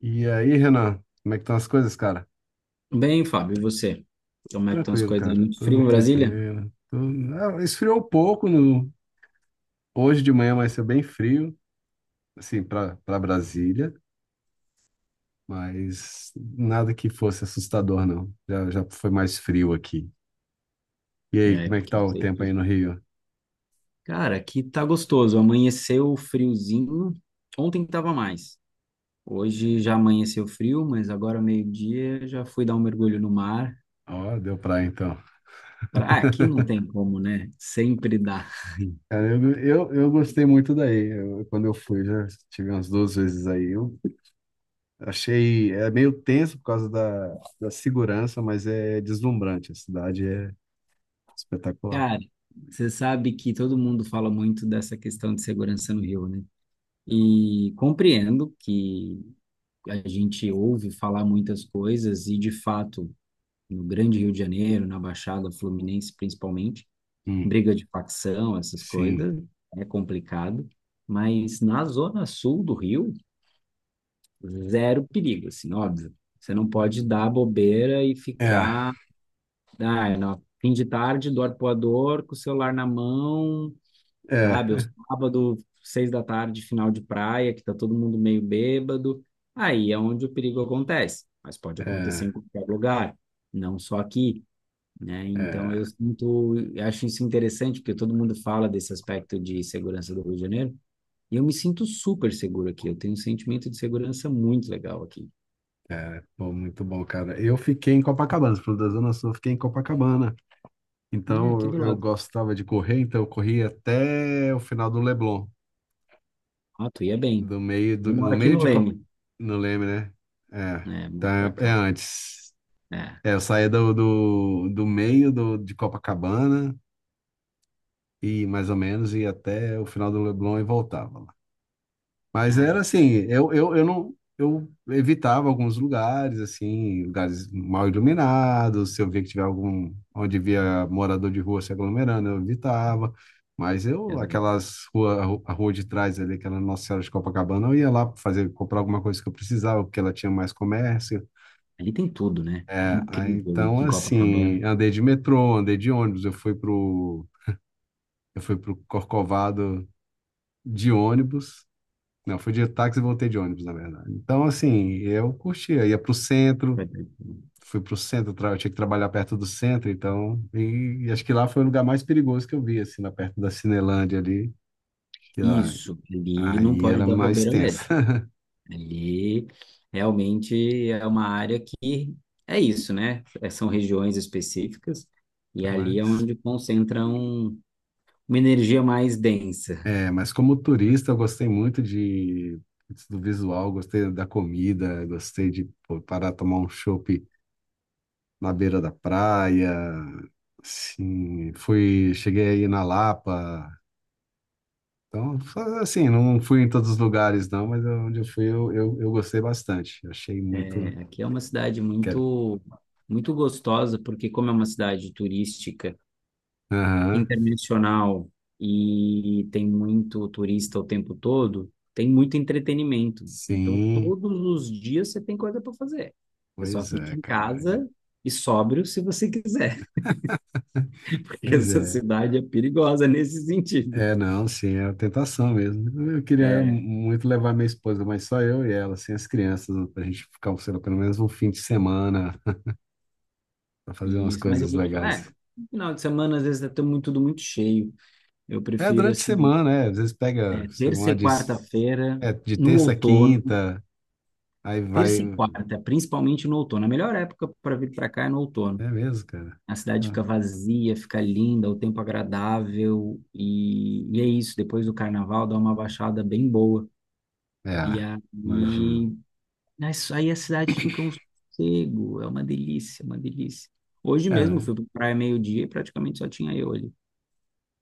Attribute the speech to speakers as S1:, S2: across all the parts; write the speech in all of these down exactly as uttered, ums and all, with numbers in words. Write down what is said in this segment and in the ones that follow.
S1: E aí, Renan, como é que estão as coisas, cara?
S2: Bem, Fábio, e você? Como é que estão as
S1: Tranquilo,
S2: coisas aí?
S1: cara.
S2: Muito frio
S1: Tudo
S2: em Brasília?
S1: tranquilo. Tudo... Ah, esfriou um pouco no hoje de manhã, vai ser bem frio, assim, para para Brasília, mas nada que fosse assustador, não. Já, já foi mais frio aqui. E aí,
S2: É,
S1: como é que
S2: porque
S1: tá
S2: não
S1: o
S2: sei
S1: tempo aí
S2: aqui.
S1: no Rio?
S2: Cara, aqui tá gostoso. Amanheceu friozinho. Ontem tava mais. Hoje já amanheceu frio, mas agora meio-dia já fui dar um mergulho no mar.
S1: Ó, deu praia então.
S2: Pra- Ah, aqui não tem como, né? Sempre dá.
S1: Cara, eu, eu, eu gostei muito daí. Eu- quando eu fui, já tive umas duas vezes aí. Eu achei, é meio tenso por causa da, da segurança, mas é deslumbrante. A cidade é espetacular.
S2: Cara, você sabe que todo mundo fala muito dessa questão de segurança no Rio, né? E compreendo que a gente ouve falar muitas coisas e, de fato, no Grande Rio de Janeiro, na Baixada Fluminense principalmente,
S1: Hum,
S2: briga de facção, essas
S1: sim.
S2: coisas, é complicado, mas na zona sul do Rio, zero perigo, assim, óbvio. Você não pode dar bobeira e
S1: É,
S2: ficar, ah, no fim de tarde do arpoador com o celular na mão,
S1: é,
S2: sabe? Ou sábado, seis da tarde, final de praia, que tá todo mundo meio bêbado. Aí é onde o perigo acontece, mas pode acontecer
S1: é,
S2: em qualquer lugar, não só aqui, né? Então
S1: é,
S2: eu sinto, eu acho isso interessante porque todo mundo fala desse aspecto de segurança do Rio de Janeiro e eu me sinto super seguro aqui. Eu tenho um sentimento de segurança muito legal aqui,
S1: é. Pô, muito bom, cara. Eu fiquei em Copacabana, você falou da Zona Sul, eu fiquei em Copacabana.
S2: né?
S1: Então,
S2: Aqui do
S1: eu, eu
S2: lado.
S1: gostava de correr, então eu corri até o final do Leblon.
S2: Ah, tu ia bem.
S1: Do meio, do,
S2: Eu moro
S1: do
S2: aqui
S1: meio
S2: no
S1: de Cop...
S2: Leme,
S1: não lembro, né? É,
S2: né? Mas pra
S1: tá, é
S2: cá,
S1: antes.
S2: é.
S1: É, eu saía do, do, do meio do, de Copacabana, e mais ou menos, ia até o final do Leblon e voltava. Mas
S2: Ah,
S1: era
S2: é.
S1: assim, eu, eu, eu não eu evitava alguns lugares, assim, lugares mal iluminados, se eu via que tiver algum onde via morador de rua se aglomerando, eu evitava. Mas eu,
S2: Exato.
S1: aquelas rua, a ru- a rua de trás ali, aquela Nossa Senhora de Copacabana, eu ia lá fazer comprar alguma coisa que eu precisava, porque ela tinha mais comércio.
S2: Ali tem tudo, né? É
S1: É, aí,
S2: incrível
S1: então
S2: isso em
S1: assim,
S2: Copacabana.
S1: andei de metrô, andei de ônibus, eu fui pro eu fui pro Corcovado de ônibus. Não, fui de táxi e voltei de ônibus, na verdade. Então, assim, eu curtia. Ia pro centro,
S2: Vai ter- tudo.
S1: fui pro centro, tra- eu tinha que trabalhar perto do centro, então. E, e acho que lá foi o lugar mais perigoso que eu vi, assim, lá perto da Cinelândia ali, que lá.
S2: Isso, ali não
S1: Aí
S2: pode
S1: era
S2: dar
S1: mais
S2: bobeira
S1: tenso.
S2: mesmo. Ali realmente é uma área que é isso, né? É, são regiões específicas e ali é
S1: Mas,
S2: onde concentram uma energia mais densa.
S1: é, mas como turista, eu gostei muito de, do visual, gostei da comida, gostei de pô, parar tomar um chopp na beira da praia. Assim, fui, cheguei aí na Lapa, então, fa- assim, não fui em todos os lugares, não, mas onde eu fui eu, eu, eu gostei bastante. Achei
S2: É,
S1: muito.
S2: aqui é uma cidade
S1: Quero.
S2: muito, muito gostosa, porque como é uma cidade turística,
S1: Aham,
S2: internacional e tem muito turista o tempo todo, tem muito entretenimento. Então,
S1: sim.
S2: todos os dias você tem coisa para fazer. Você só
S1: Pois
S2: fica
S1: é,
S2: em
S1: cara.
S2: casa e sóbrio se você quiser. que
S1: Pois
S2: Essa
S1: é.
S2: cidade é perigosa nesse sentido.
S1: É, não, sim, é a tentação mesmo. Eu queria
S2: É,
S1: muito levar minha esposa, mas só eu e ela, sem as crianças, pra gente ficar, sei lá, pelo menos um fim de semana, pra fazer
S2: e
S1: umas
S2: isso, mas eu
S1: coisas
S2: vou te falar, é,
S1: legais.
S2: no final de semana às vezes é tão muito- tudo muito cheio. Eu
S1: É,
S2: prefiro
S1: durante a
S2: assim,
S1: semana, é. Às vezes pega
S2: é,
S1: sei
S2: terça
S1: lá,
S2: e
S1: de,
S2: quarta-feira
S1: é, de
S2: no
S1: terça a
S2: outono,
S1: quinta, aí vai.
S2: terça e quarta, principalmente no outono. A melhor época para vir para cá é no outono.
S1: É mesmo, cara.
S2: A cidade
S1: Ah.
S2: fica vazia, fica linda, o tempo agradável e, e é isso. Depois do carnaval dá uma baixada bem boa. E
S1: É, imagino.
S2: aí Mas aí a cidade fica um sossego, é uma delícia, uma delícia. Hoje mesmo eu
S1: É,
S2: fui para praia meio-dia e praticamente só tinha eu ali.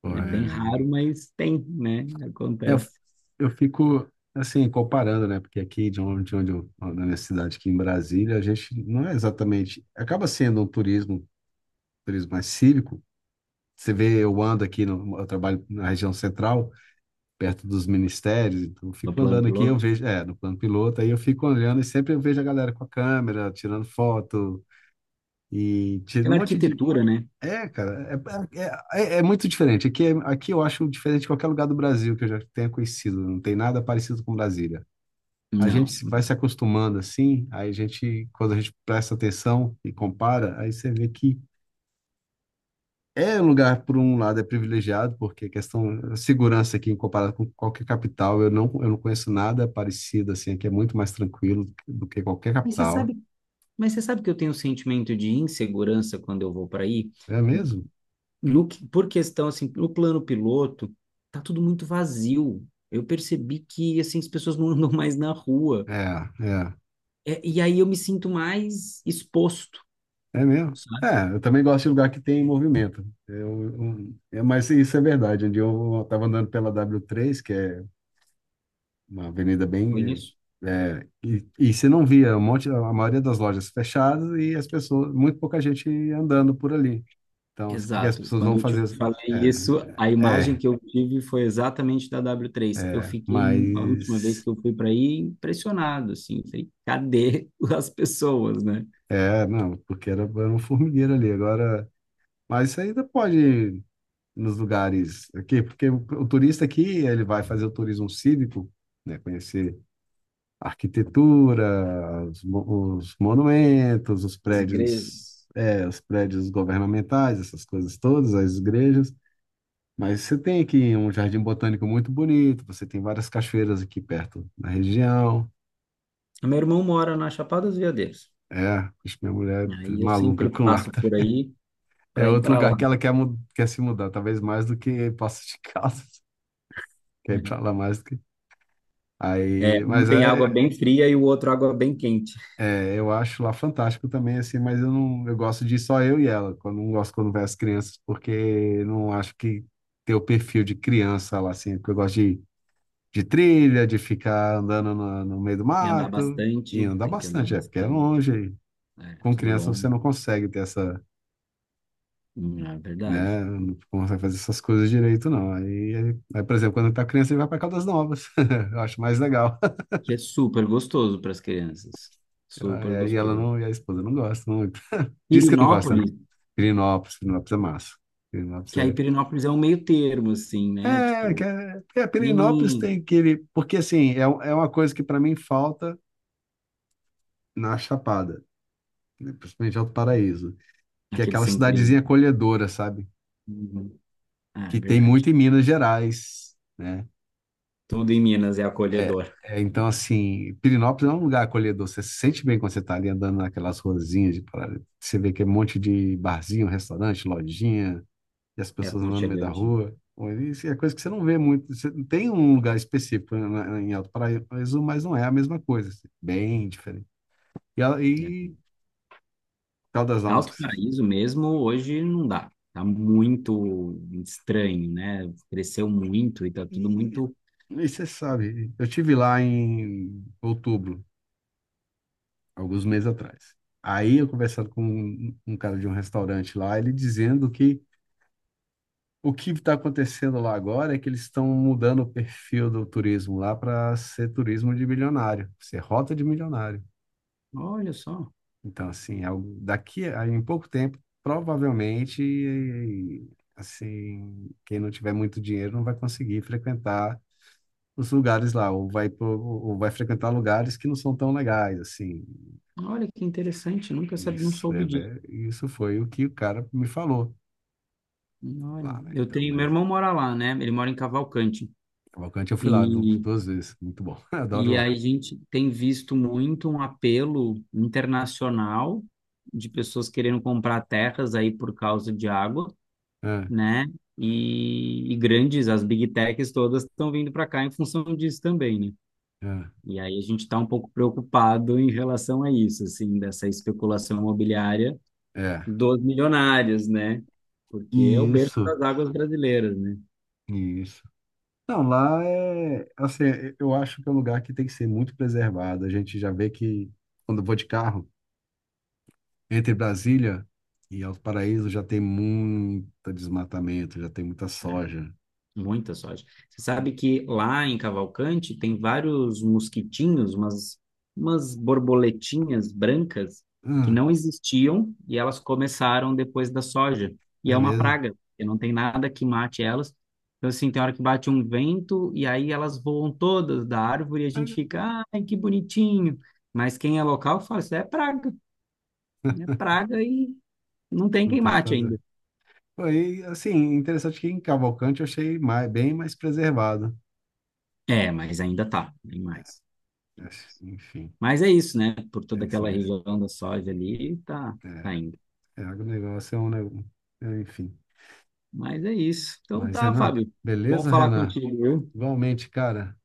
S1: pô,
S2: É bem raro,
S1: é,
S2: mas tem, né?
S1: é, eu,
S2: Acontece
S1: eu fico assim comparando, né? Porque aqui de onde, de onde eu, na minha cidade aqui em Brasília, a gente não é exatamente, acaba sendo um turismo, turismo mais cívico. Você vê, eu ando aqui, no, eu trabalho na região central, perto dos ministérios, então eu
S2: no
S1: fico
S2: plano
S1: andando aqui, eu
S2: piloto.
S1: vejo, é, no plano piloto, aí eu fico olhando e sempre eu vejo a galera com a câmera, tirando foto e tira um
S2: Pela
S1: monte de,
S2: arquitetura, né?
S1: é, cara, é, é, é- é muito diferente. Aqui, é- aqui eu acho diferente de qualquer lugar do Brasil que eu já tenha conhecido. Não tem nada parecido com Brasília. A gente
S2: Não.
S1: se- vai se acostumando assim, aí a gente, quando a gente presta atenção e compara, aí você vê que é um lugar, por um lado, é privilegiado, porque a questão a segurança aqui, em comparado com qualquer capital, eu não, eu não conheço nada parecido assim, aqui é muito mais tranquilo do que qualquer
S2: Mas você
S1: capital.
S2: sabe, mas você sabe que eu tenho um sentimento de insegurança quando eu vou para aí?
S1: É mesmo?
S2: No, que- Por questão, assim, no plano piloto, tá tudo muito vazio. Eu percebi que, assim, as pessoas não andam mais na rua.
S1: É, é.
S2: É, e aí eu me sinto mais exposto.
S1: É mesmo? É, eu também gosto de lugar que tem movimento. Eu, eu, é, mas isso é verdade. Um dia eu estava andando pela dáblio três, que é uma avenida bem.
S2: Conheço.
S1: É, é, e, e você não via um monte, a maioria das lojas fechadas e as pessoas, muito pouca gente andando por ali. Então, assim, porque as
S2: Exato.
S1: pessoas vão
S2: Quando eu te
S1: fazer. as-
S2: falei isso, a
S1: É,
S2: imagem
S1: é,
S2: que eu tive foi exatamente da dáblio três. Eu
S1: é,
S2: fiquei, a última vez
S1: mas.
S2: que eu fui para aí, impressionado, assim. Falei, cadê as pessoas, né?
S1: É, não, porque era, era um formigueiro ali. Agora. Mas isso ainda pode nos lugares aqui, porque o, o turista aqui, ele vai fazer o turismo cívico, né, conhecer a arquitetura, os, mo- os monumentos, os
S2: As igrejas.
S1: prédios, é, os prédios governamentais, essas coisas todas, as igrejas. Mas você tem aqui um jardim botânico muito bonito, você tem várias cachoeiras aqui perto na região.
S2: Meu irmão mora na Chapada dos Veadeiros.
S1: É, acho que minha mulher é
S2: Aí eu
S1: maluca
S2: sempre
S1: com lá.
S2: passo
S1: Tá?
S2: por aí
S1: É
S2: para ir
S1: outro
S2: para
S1: lugar
S2: lá.
S1: que ela quer, mu- quer se mudar, talvez mais do que Poços de Caldas. Quer ir pra lá mais do que.
S2: É,
S1: Aí,
S2: um
S1: mas
S2: tem água
S1: é,
S2: bem fria e o outro água bem quente.
S1: é, eu acho lá fantástico também, assim, mas eu não, eu gosto de só eu e ela. Quando não gosto quando vai as crianças, porque não acho que ter o perfil de criança lá, assim, porque eu gosto de, de trilha, de ficar andando na- no, meio do
S2: E andar
S1: mato e
S2: bastante,
S1: andar
S2: tem que andar
S1: bastante, é, porque é
S2: bastante.
S1: longe.
S2: É,
S1: Com
S2: tudo
S1: criança você
S2: longo.
S1: não consegue ter essa,
S2: Hum, É verdade.
S1: né, não consegue fazer essas coisas direito, não. Aí, aí, por exemplo, quando tá criança, ele vai para Caldas Novas. Eu acho mais legal.
S2: Que é super gostoso para as crianças. Super
S1: E ela
S2: gostoso.
S1: não, e a esposa não gosta, diz que não gosta, né?
S2: Pirinópolis,
S1: Pirinópolis, Pirinópolis é massa. Pirinópolis
S2: que aí
S1: é.
S2: Pirinópolis é um meio termo, assim, né?
S1: É, que
S2: Tipo,
S1: é, é, Pirinópolis
S2: pequenininho,
S1: tem aquele. Porque, assim, é, um- é uma coisa que para mim falta na Chapada, né? Principalmente Alto Paraíso, que é
S2: aquele
S1: aquela
S2: centrinho.
S1: cidadezinha acolhedora, sabe?
S2: Uhum. Ah, é
S1: Que tem
S2: verdade.
S1: muito em Minas Gerais, né?
S2: Tudo em Minas é
S1: É,
S2: acolhedor,
S1: é, então, assim, Pirinópolis é um lugar acolhedor. Você se sente bem quando você está ali andando naquelas ruazinhas de Paraíso. Você vê que é um monte de barzinho, restaurante, lojinha, e as
S2: é
S1: pessoas andando no meio da
S2: aconchegante,
S1: rua. Bom, isso é coisa que você não vê muito. Você não tem um lugar específico na- na- em Alto Paraíso, mas não é a mesma coisa. Assim, bem diferente. E, ela-
S2: né?
S1: e Caldas Novas. Que
S2: Alto
S1: se-
S2: Paraíso mesmo, hoje não dá. Tá muito estranho, né? Cresceu muito e tá tudo
S1: E, e-
S2: muito.
S1: e você sabe, eu tive lá em outubro, alguns meses atrás. Aí eu conversando com um, um cara de um restaurante lá, ele dizendo que o que está acontecendo lá agora é que eles estão mudando o perfil do turismo lá para ser turismo de milionário, ser rota de milionário.
S2: Olha só,
S1: Então, assim, ao- daqui a em pouco tempo, provavelmente, assim, quem não tiver muito dinheiro não vai conseguir frequentar os lugares lá, ou vai, pro- ou vai frequentar lugares que não são tão legais, assim.
S2: olha que interessante, nunca sabia, não
S1: Isso, é,
S2: soube disso.
S1: é- isso foi o que o cara me falou
S2: Olha,
S1: lá, né?
S2: eu
S1: Então,
S2: tenho, meu
S1: mas
S2: irmão mora lá, né? Ele mora em Cavalcante.
S1: Cavalcante eu fui lá du-
S2: E,
S1: duas vezes, muito bom, adoro
S2: e
S1: lá.
S2: a gente tem visto muito um apelo internacional de pessoas querendo comprar terras aí por causa de água,
S1: É,
S2: né? E, e grandes, as big techs todas estão vindo para cá em função disso também, né? E aí a gente está um pouco preocupado em relação a isso, assim, dessa especulação imobiliária
S1: é, é.
S2: dos milionários, né? Porque é o berço
S1: Isso,
S2: das águas brasileiras, né?
S1: isso. Não, lá é, assim, eu acho que é um lugar que tem que ser muito preservado. A gente já vê que quando eu vou de carro, entre Brasília e Alto Paraíso já tem muito desmatamento, já tem muita
S2: É.
S1: soja.
S2: Muita soja. Você sabe que lá em Cavalcante tem vários mosquitinhos, umas, umas borboletinhas brancas que
S1: Ah,
S2: não existiam e elas começaram depois da soja. E é
S1: é
S2: uma
S1: mesmo?
S2: praga, porque não tem nada que mate elas. Então, assim, tem hora que bate um vento e aí elas voam todas da árvore e a gente
S1: Mas
S2: fica, ai, que bonitinho. Mas quem é local fala, isso é praga, é praga e não tem
S1: não
S2: quem
S1: tem o que
S2: mate
S1: fazer.
S2: ainda.
S1: Foi, assim, interessante que em Cavalcante eu achei mais- bem mais preservado.
S2: É, mas ainda tá, tem mais.
S1: Mas, enfim,
S2: Mas é isso, né? Por
S1: é
S2: toda
S1: isso
S2: aquela
S1: mesmo.
S2: região da soja ali, tá, tá
S1: É,
S2: indo.
S1: é agronegócio é um negócio, enfim.
S2: Mas é isso. Então
S1: Mas,
S2: tá,
S1: Renan,
S2: Fábio. Bom
S1: beleza,
S2: falar
S1: Renan?
S2: contigo, viu?
S1: Igualmente, cara.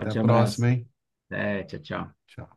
S1: Até a
S2: abraço.
S1: próxima, hein?
S2: É, tchau, tchau.
S1: Tchau.